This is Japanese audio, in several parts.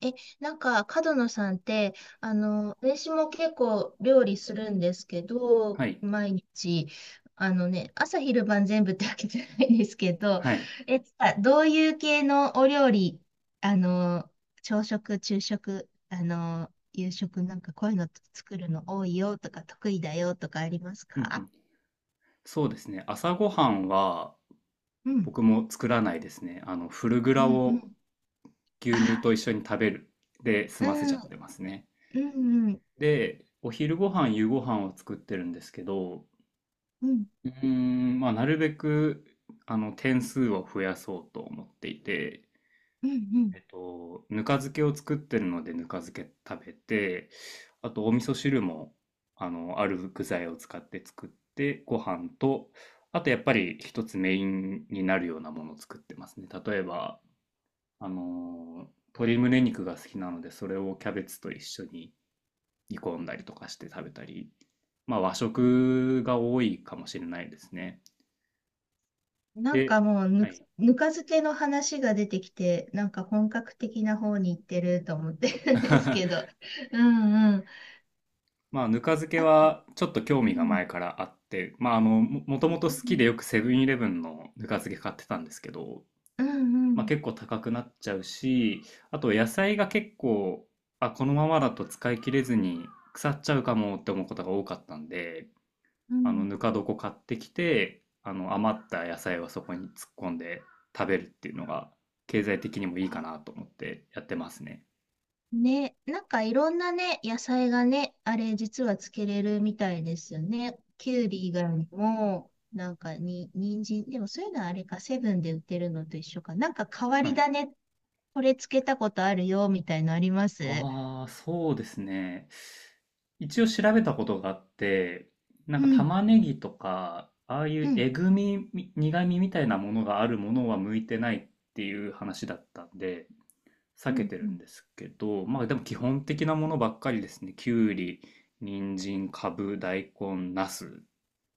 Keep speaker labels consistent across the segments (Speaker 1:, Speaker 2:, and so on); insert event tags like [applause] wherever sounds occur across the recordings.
Speaker 1: え、なんか、角野さんって、私も結構料理するんですけど、
Speaker 2: はい。
Speaker 1: 毎日、朝昼晩全部ってわけじゃないんですけど、
Speaker 2: はい。
Speaker 1: え、どういう系のお料理、あの、朝食、昼食、夕食なんかこういうの作るの多いよとか得意だよとかあります
Speaker 2: うんうん。
Speaker 1: か？
Speaker 2: そうですね。朝ごはんは
Speaker 1: うん、
Speaker 2: 僕も作らないですね。フルグ
Speaker 1: う
Speaker 2: ラ
Speaker 1: ん、う
Speaker 2: を
Speaker 1: ん。
Speaker 2: 牛乳
Speaker 1: あ、
Speaker 2: と一緒に食べるで済
Speaker 1: う
Speaker 2: ませち
Speaker 1: ん、
Speaker 2: ゃって
Speaker 1: う
Speaker 2: ますね。
Speaker 1: ん、うん、
Speaker 2: で、お昼ご飯、夕ご飯を作ってるんですけど、
Speaker 1: うん、
Speaker 2: まあ、なるべく、点数を増やそうと思っていて、
Speaker 1: うん、うん。
Speaker 2: ぬか漬けを作ってるのでぬか漬け食べて、あとお味噌汁も、ある具材を使って作って、ご飯と、あとやっぱり一つメインになるようなものを作ってますね。例えば、鶏胸肉が好きなので、それをキャベツと一緒に煮込んだりとかして食べたり、まあ和食が多いかもしれないですね。
Speaker 1: なん
Speaker 2: で、
Speaker 1: かもう
Speaker 2: はい。
Speaker 1: ぬか漬けの話が出てきて、なんか本格的な方に行ってると思ってるんですけ
Speaker 2: [laughs]
Speaker 1: ど。うんうん。
Speaker 2: まあ、ぬか漬け
Speaker 1: あと、
Speaker 2: はちょっと興
Speaker 1: う
Speaker 2: 味が
Speaker 1: ん。
Speaker 2: 前からあって、まあ、ともと好きでよくセブンイレブンのぬか漬け買ってたんですけど、
Speaker 1: うんう
Speaker 2: まあ、
Speaker 1: ん。
Speaker 2: 結構高くなっちゃうし、あと野菜が結構、あ、このままだと使い切れずに腐っちゃうかもって思うことが多かったんで、
Speaker 1: うんうん。
Speaker 2: ぬか床買ってきて、余った野菜はそこに突っ込んで食べるっていうのが、経済的にもいいか
Speaker 1: あ
Speaker 2: なと思ってやってますね。
Speaker 1: ね、なんかいろんなね、野菜がね、あれ実はつけれるみたいですよね。きゅうり以外にも、なんか人参、でもそういうのはあれか、セブンで売ってるのと一緒か。なんか変わ
Speaker 2: は
Speaker 1: り
Speaker 2: い。
Speaker 1: 種、これつけたことあるよ、みたいのあります？
Speaker 2: ああ、そうですね。一応調べたことがあって、な
Speaker 1: う
Speaker 2: んか
Speaker 1: ん。
Speaker 2: 玉ねぎとか、ああい
Speaker 1: う
Speaker 2: う
Speaker 1: ん。
Speaker 2: えぐみ、苦みみたいなものがあるものは向いてないっていう話だったんで、避
Speaker 1: う
Speaker 2: け
Speaker 1: ん
Speaker 2: て
Speaker 1: う
Speaker 2: るん
Speaker 1: ん。
Speaker 2: ですけど、まあでも基本的なものばっかりですね。きゅうり、人参、かぶ、大根、なす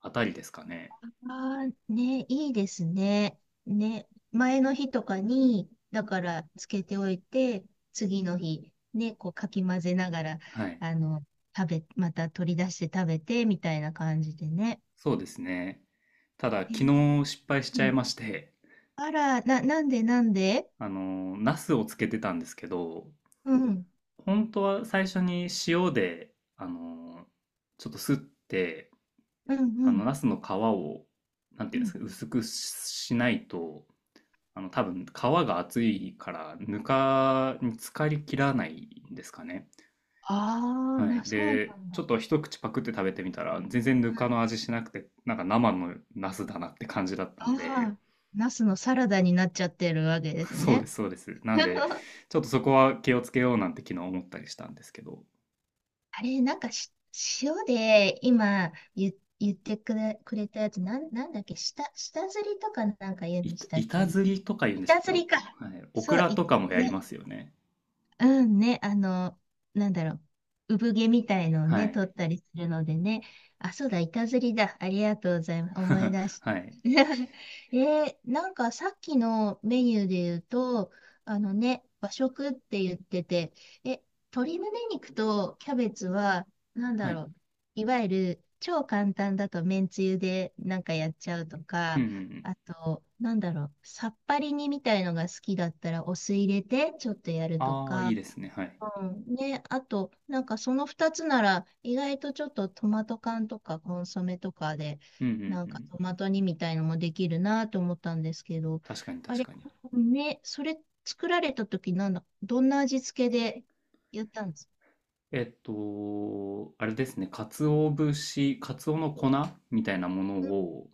Speaker 2: あたりですかね。
Speaker 1: ああ、ね、いいですね。ね、前の日とかに、だからつけておいて、次の日、ね、こうかき混ぜながら、
Speaker 2: はい。
Speaker 1: あの、また取り出して食べて、みたいな感じでね。
Speaker 2: そうですね。ただ、
Speaker 1: え
Speaker 2: 昨
Speaker 1: ー
Speaker 2: 日失敗しち
Speaker 1: う
Speaker 2: ゃい
Speaker 1: ん、
Speaker 2: まして、
Speaker 1: あら、なんでなんで？
Speaker 2: ナスをつけてたんですけど、
Speaker 1: うん、
Speaker 2: 本当は最初に塩で、あの、ちょっとすって、
Speaker 1: うん、うん、
Speaker 2: ナスの皮を、なんて
Speaker 1: う
Speaker 2: いうんです
Speaker 1: ん。
Speaker 2: かね、薄くしないと、多分皮が厚いから、ぬかに浸かりきらないんですかね。
Speaker 1: ああ、
Speaker 2: はい。
Speaker 1: そうな
Speaker 2: で、
Speaker 1: ん
Speaker 2: ちょ
Speaker 1: だ。
Speaker 2: っと一口パクって食べてみたら、全然ぬ
Speaker 1: う
Speaker 2: か
Speaker 1: ん、
Speaker 2: の味しなくて、なんか生のナスだなって感じだった
Speaker 1: あ
Speaker 2: んで、
Speaker 1: あ、ナスのサラダになっちゃってるわけです
Speaker 2: [laughs] そうで
Speaker 1: ね。
Speaker 2: す、そうです。なんで、
Speaker 1: [laughs]
Speaker 2: ちょっとそこは気をつけようなんて昨日思ったりしたんですけど。
Speaker 1: あれ、なんか塩で今言ってくれたやつ、なんだっけ、下ずりとかなんか言うんでしたっけ
Speaker 2: 板
Speaker 1: ね。
Speaker 2: ずりとか言うんでしたっ
Speaker 1: 板
Speaker 2: け？
Speaker 1: ず
Speaker 2: はい。
Speaker 1: りか。
Speaker 2: オク
Speaker 1: そう、
Speaker 2: ラとかもやりま
Speaker 1: ね、
Speaker 2: すよね。
Speaker 1: うんね、なんだろう、産毛みたいのを
Speaker 2: は
Speaker 1: ね、取
Speaker 2: い。
Speaker 1: ったりするのでね。あ、そうだ、板ずりだ。ありがとうございます。思い出
Speaker 2: [laughs]
Speaker 1: し。
Speaker 2: はい。
Speaker 1: [laughs] なんかさっきのメニューで言うと、和食って言ってて、え、鶏胸肉とキャベツは、なん
Speaker 2: は
Speaker 1: だ
Speaker 2: い。
Speaker 1: ろう、いわゆる超簡単だとめんつゆでなんかやっちゃうと
Speaker 2: うん
Speaker 1: か、
Speaker 2: うんうん。
Speaker 1: あと、なんだろう、さっぱり煮みたいのが好きだったらお酢入れてちょっとやると
Speaker 2: ああ、いい
Speaker 1: か、
Speaker 2: ですね。はい。
Speaker 1: うん。ね、あと、なんかその2つなら、意外とちょっとトマト缶とかコンソメとかで、
Speaker 2: うんうんう
Speaker 1: なんか
Speaker 2: ん。
Speaker 1: トマト煮みたいのもできるなと思ったんですけど、
Speaker 2: 確かに
Speaker 1: あ
Speaker 2: 確
Speaker 1: れ、
Speaker 2: かに。
Speaker 1: ね、それ作られた時なんだ、どんな味付けでやったんですか？
Speaker 2: あれですね。鰹節、鰹の粉みたいなもの
Speaker 1: うん、
Speaker 2: を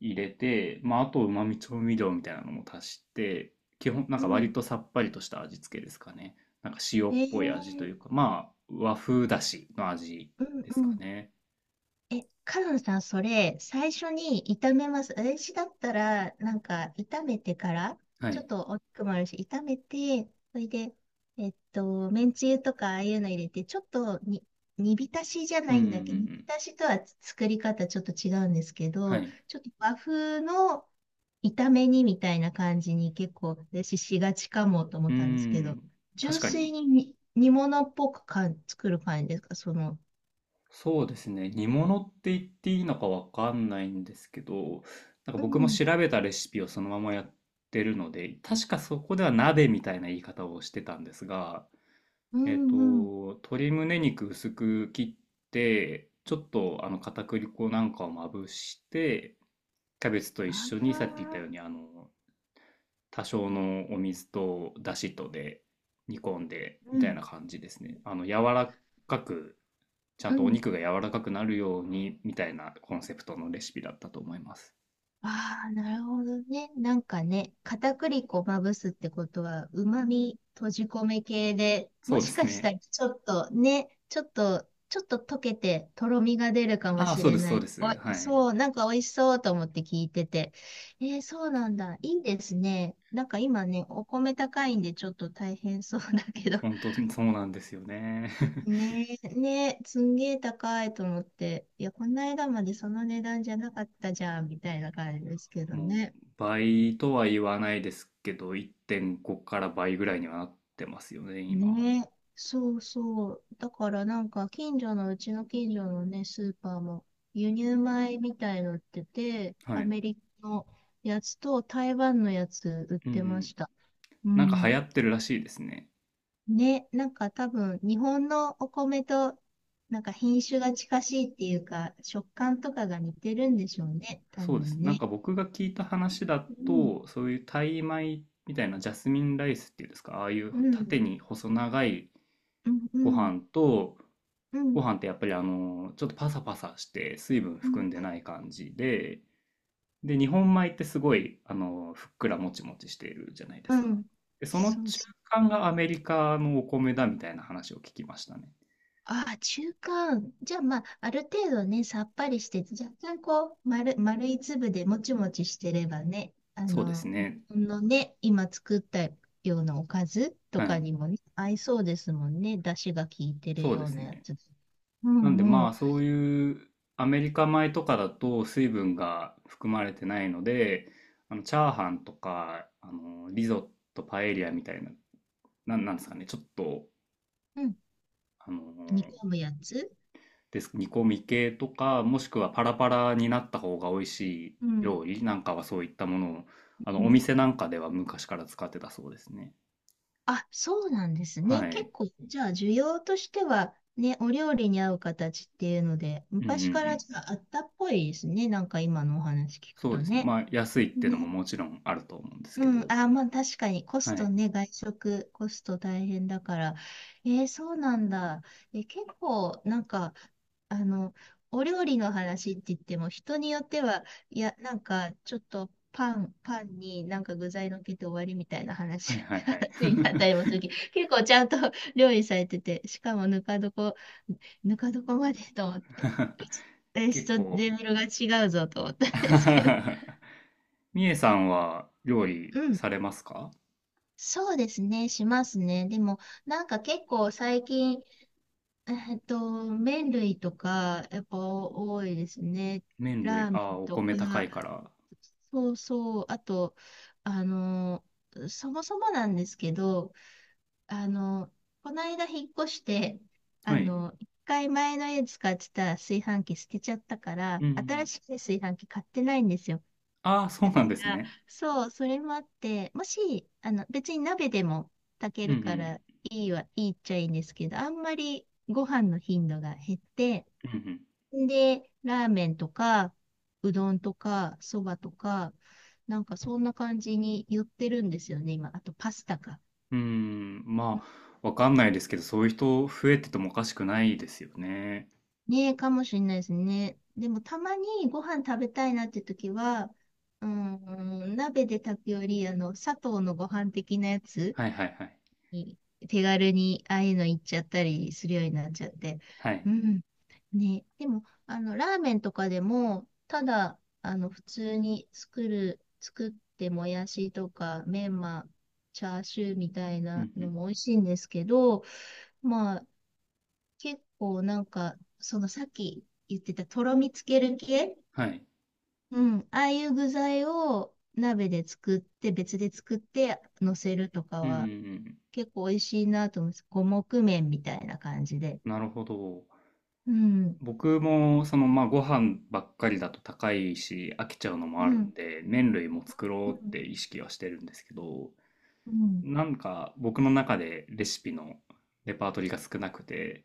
Speaker 2: 入れて、まあ、あと旨味調味料みたいなのも足して、基本、なん
Speaker 1: う
Speaker 2: か
Speaker 1: ん。
Speaker 2: 割とさっぱりとした味付けですかね。なんか塩
Speaker 1: え
Speaker 2: っぽい味と
Speaker 1: ー、
Speaker 2: いうか、まあ、和風だしの味
Speaker 1: うん、
Speaker 2: で
Speaker 1: う
Speaker 2: すか
Speaker 1: ん。
Speaker 2: ね。
Speaker 1: カノンさん、それ、最初に炒めます？私だったら、なんか、炒めてから、
Speaker 2: は
Speaker 1: ちょ
Speaker 2: い。
Speaker 1: っと大きくもあるし、炒めて、それで、めんつゆとか、ああいうの入れて、ちょっと煮浸しじゃ
Speaker 2: う
Speaker 1: な
Speaker 2: んう
Speaker 1: い
Speaker 2: んう
Speaker 1: んだけど、煮
Speaker 2: ん
Speaker 1: 浸しとは作り方ちょっと違うんですけ
Speaker 2: は
Speaker 1: ど、
Speaker 2: い。
Speaker 1: ちょっと和風の炒め煮みたいな感じに結構、私しがちかもと思
Speaker 2: う
Speaker 1: っ
Speaker 2: ー
Speaker 1: たんですけど、
Speaker 2: ん。確
Speaker 1: 純
Speaker 2: かに。
Speaker 1: 粋に煮物っぽくかん作る感じですか、
Speaker 2: そうですね。煮物って言っていいのかわかんないんですけど、なんか
Speaker 1: う
Speaker 2: 僕も
Speaker 1: ん、
Speaker 2: 調べたレシピをそのままやってるので、確かそこでは鍋みたいな言い方をしてたんですが、
Speaker 1: う
Speaker 2: えっと、
Speaker 1: ん、うん。
Speaker 2: 鶏胸肉薄く切って、ちょっとあの片栗粉なんかをまぶして、キャベツと
Speaker 1: あ
Speaker 2: 一緒にさっき言ったよう
Speaker 1: あ、
Speaker 2: に、多少のお水とだしとで煮込んで
Speaker 1: う
Speaker 2: みたい
Speaker 1: ん、
Speaker 2: な感じですね。柔らかくちゃ
Speaker 1: う
Speaker 2: んとお
Speaker 1: ん。
Speaker 2: 肉が柔らかくなるようにみたいなコンセプトのレシピだったと思います。
Speaker 1: ああ、なるほどね。なんかね、片栗粉まぶすってことは、旨味閉じ込め系で、
Speaker 2: そ
Speaker 1: も
Speaker 2: うで
Speaker 1: し
Speaker 2: す
Speaker 1: かした
Speaker 2: ね。
Speaker 1: らちょっとね、ちょっと、ちょっと溶けて、とろみが出るかも
Speaker 2: ああ、
Speaker 1: し
Speaker 2: そう
Speaker 1: れ
Speaker 2: です、そ
Speaker 1: な
Speaker 2: う
Speaker 1: い。
Speaker 2: で
Speaker 1: お
Speaker 2: す。はい。
Speaker 1: そう、なんか美味しそうと思って聞いてて。えー、そうなんだ。いいですね。なんか今ね、お米高いんでちょっと大変そうだけど、
Speaker 2: 本当にそうなんですよね。
Speaker 1: ねえ、ねえ、すんげえ高いと思って、いや、この間までその値段じゃなかったじゃん、みたいな感じですけ
Speaker 2: [laughs]
Speaker 1: ど
Speaker 2: もう
Speaker 1: ね。
Speaker 2: 倍とは言わないですけど、1.5から倍ぐらいにはなってますよね、今。
Speaker 1: ねえ、そうそう。だからなんか、近所の、うちの近所のね、スーパーも、輸入米みたいの売ってて、
Speaker 2: は
Speaker 1: ア
Speaker 2: い。
Speaker 1: メリカのやつと台湾のやつ売っ
Speaker 2: うんう
Speaker 1: てま
Speaker 2: ん。
Speaker 1: した。う
Speaker 2: なんか流
Speaker 1: ん。
Speaker 2: 行ってるらしいですね。
Speaker 1: ね、なんか多分、日本のお米と、なんか品種が近しいっていうか、食感とかが似てるんでしょうね、多
Speaker 2: そうです。
Speaker 1: 分
Speaker 2: なん
Speaker 1: ね。
Speaker 2: か僕が聞いた話だ
Speaker 1: うん、
Speaker 2: と、そういうタイ米みたいなジャスミンライスっていうんですか、ああいう
Speaker 1: うん、
Speaker 2: 縦に細長い
Speaker 1: うん、う
Speaker 2: ご
Speaker 1: ん、
Speaker 2: 飯と、
Speaker 1: うん、
Speaker 2: ご飯ってやっぱりちょっとパサパサして水分
Speaker 1: う
Speaker 2: 含
Speaker 1: ん、
Speaker 2: んでない感じで、で、日本米ってすごいふっくらもちもちしているじゃないで
Speaker 1: う
Speaker 2: すか。
Speaker 1: ん。
Speaker 2: で、その
Speaker 1: そう
Speaker 2: 中
Speaker 1: そ
Speaker 2: 間
Speaker 1: う。
Speaker 2: がアメリカのお米だみたいな話を聞きましたね。
Speaker 1: ああ、中間。じゃあ、まあ、ある程度ね、さっぱりして、若干こう、丸い粒でもちもちしてればね、
Speaker 2: そうです
Speaker 1: 日
Speaker 2: ね。
Speaker 1: 本のね、今作ったようなおかずと
Speaker 2: は
Speaker 1: か
Speaker 2: い。
Speaker 1: にもね、合いそうですもんね。出汁が効いてる
Speaker 2: そう
Speaker 1: よ
Speaker 2: で
Speaker 1: う
Speaker 2: す
Speaker 1: なや
Speaker 2: ね。
Speaker 1: つ。う
Speaker 2: なんで
Speaker 1: ん、う
Speaker 2: ま
Speaker 1: ん、
Speaker 2: あそういうアメリカ米とかだと水分が含まれてないので、あのチャーハンとか、あのリゾット、パエリアみたいな、なんですかね、ちょっと、
Speaker 1: うん。
Speaker 2: あの
Speaker 1: 煮込むやつ。
Speaker 2: です。煮込み系とか、もしくはパラパラになった方が美味しい
Speaker 1: う
Speaker 2: 料
Speaker 1: ん、
Speaker 2: 理なんかはそういったものを、
Speaker 1: う
Speaker 2: お
Speaker 1: ん。
Speaker 2: 店なんかでは昔から使ってたそうですね。
Speaker 1: あ、そうなんです
Speaker 2: は
Speaker 1: ね。結
Speaker 2: い。
Speaker 1: 構、じゃあ、需要としては、ね、お料理に合う形っていうので、
Speaker 2: うんうんう
Speaker 1: 昔から
Speaker 2: ん。
Speaker 1: じゃあ、あったっぽいですね。なんか今のお話聞く
Speaker 2: そう
Speaker 1: と
Speaker 2: ですね。
Speaker 1: ね。
Speaker 2: まあ、安いってのも
Speaker 1: ね。
Speaker 2: もちろんあると思うんですけ
Speaker 1: うん、
Speaker 2: ど。
Speaker 1: あー、まあ確かにコ
Speaker 2: は
Speaker 1: スト
Speaker 2: い。
Speaker 1: ね、外食コスト大変だから。えー、そうなんだ。結構なんか、あの、お料理の話って言っても人によっては、いや、なんかちょっとパンになんか具材のっけて終わりみたいな
Speaker 2: はい
Speaker 1: 話、
Speaker 2: はい
Speaker 1: [laughs]
Speaker 2: はい。
Speaker 1: 話になったりもするけど、結構ちゃんと [laughs] 料理されてて、しかもぬか床までと思って、
Speaker 2: [laughs]
Speaker 1: うちレス
Speaker 2: 結
Speaker 1: ト
Speaker 2: 構
Speaker 1: レベルが違うぞと思ったんですけど。
Speaker 2: [laughs] みえさんは料理
Speaker 1: うん。
Speaker 2: されますか？
Speaker 1: そうですね、しますね。でも、なんか結構最近、麺類とか、やっぱ多いですね。
Speaker 2: 麺類、
Speaker 1: ラー
Speaker 2: あ
Speaker 1: メ
Speaker 2: あ、
Speaker 1: ン
Speaker 2: お
Speaker 1: と
Speaker 2: 米
Speaker 1: か、
Speaker 2: 高いから。
Speaker 1: そうそう、あと、あの、そもそもなんですけど、あの、この間引っ越して、
Speaker 2: はい。
Speaker 1: 一回前の家使ってた炊飯器捨てちゃったか
Speaker 2: う
Speaker 1: ら、
Speaker 2: んうん。
Speaker 1: 新しい炊飯器買ってないんですよ。
Speaker 2: ああ、そう
Speaker 1: だか
Speaker 2: なんです
Speaker 1: ら、
Speaker 2: ね。
Speaker 1: そう、それもあって、別に鍋でも炊け
Speaker 2: うんう
Speaker 1: るか
Speaker 2: ん。
Speaker 1: らいいっちゃいいんですけど、あんまりご飯の頻度が減って、
Speaker 2: うん
Speaker 1: で、ラーメンとか、うどんとか、そばとか、なんかそんな感じに寄ってるんですよね、今。あとパスタか。
Speaker 2: うん、まあ、わかんないですけど、そういう人増えててもおかしくないですよね。
Speaker 1: ねえ、かもしれないですね。でもたまにご飯食べたいなって時は、うーん、鍋で炊くより、砂糖のご飯的なやつ
Speaker 2: はいはいはい。
Speaker 1: に手軽にああいうの行っちゃったりするようになっちゃって。
Speaker 2: は
Speaker 1: う
Speaker 2: い。
Speaker 1: ん。ね。でも、ラーメンとかでも、ただ、普通に作ってもやしとか、メンマ、チャーシューみたい
Speaker 2: う
Speaker 1: な
Speaker 2: んう
Speaker 1: の
Speaker 2: ん。
Speaker 1: も美味しいんですけど、まあ、結構なんか、そのさっき言ってたとろみつける系、
Speaker 2: はい。
Speaker 1: うん、ああいう具材を鍋で作って、別で作って乗せるとか
Speaker 2: うんうんう
Speaker 1: は、
Speaker 2: ん。
Speaker 1: 結構美味しいなと思うんです。五目麺みたいな感じで。
Speaker 2: なるほど。
Speaker 1: うん、
Speaker 2: 僕も、その、まあ、ご飯ばっかりだと高いし、飽きちゃうのも
Speaker 1: う
Speaker 2: あるん
Speaker 1: ん、
Speaker 2: で、麺類も作ろ
Speaker 1: う
Speaker 2: うって
Speaker 1: ん、
Speaker 2: 意識はしてるんですけど、
Speaker 1: うん、
Speaker 2: なんか僕の中でレシピのレパートリーが少なくて、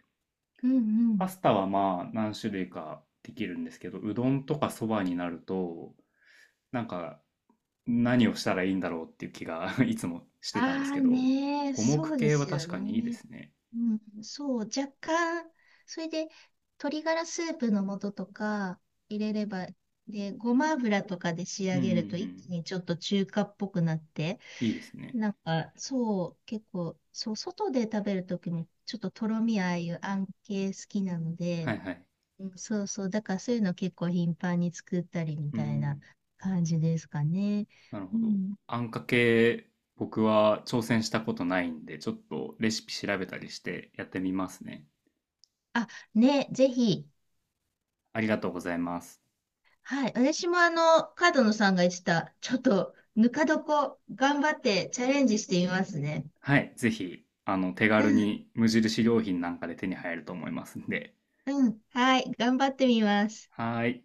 Speaker 1: うん、う
Speaker 2: パ
Speaker 1: ん。
Speaker 2: スタはまあ何種類かできるんですけど、うどんとかそばになると、なんか何をしたらいいんだろうっていう気が [laughs] いつもしてたんです
Speaker 1: あ
Speaker 2: け
Speaker 1: あ
Speaker 2: ど、
Speaker 1: ね、
Speaker 2: 五目
Speaker 1: そうで
Speaker 2: 系は
Speaker 1: す
Speaker 2: 確
Speaker 1: よ
Speaker 2: かにいいで
Speaker 1: ね。
Speaker 2: すね。
Speaker 1: うん、そう、若干、それで、鶏ガラスープの素とか入れれば、で、ごま油とかで仕
Speaker 2: うん
Speaker 1: 上
Speaker 2: うんう
Speaker 1: げると一
Speaker 2: ん。
Speaker 1: 気にちょっと中華っぽくなって、
Speaker 2: いいですね。
Speaker 1: なんか、そう、結構、そう、外で食べるときも、ちょっととろみああいうあん系好きなの
Speaker 2: は
Speaker 1: で、
Speaker 2: いはい。
Speaker 1: うん。そうそう。だからそういうの結構頻繁に作ったりみ
Speaker 2: う
Speaker 1: たいな
Speaker 2: ん。
Speaker 1: 感じですかね。
Speaker 2: なる
Speaker 1: う
Speaker 2: ほど。
Speaker 1: ん。
Speaker 2: あんかけ、僕は挑戦したことないんで、ちょっとレシピ調べたりしてやってみますね。
Speaker 1: あ、ね、ぜひ。
Speaker 2: ありがとうございます。
Speaker 1: はい。私も角野さんが言ってた、ちょっと、ぬか床、頑張ってチャレンジしてみますね。
Speaker 2: はい。ぜひ、手
Speaker 1: う
Speaker 2: 軽
Speaker 1: ん。
Speaker 2: に無印良品なんかで手に入ると思いますんで。
Speaker 1: うん。はい。頑張ってみます。
Speaker 2: はーい。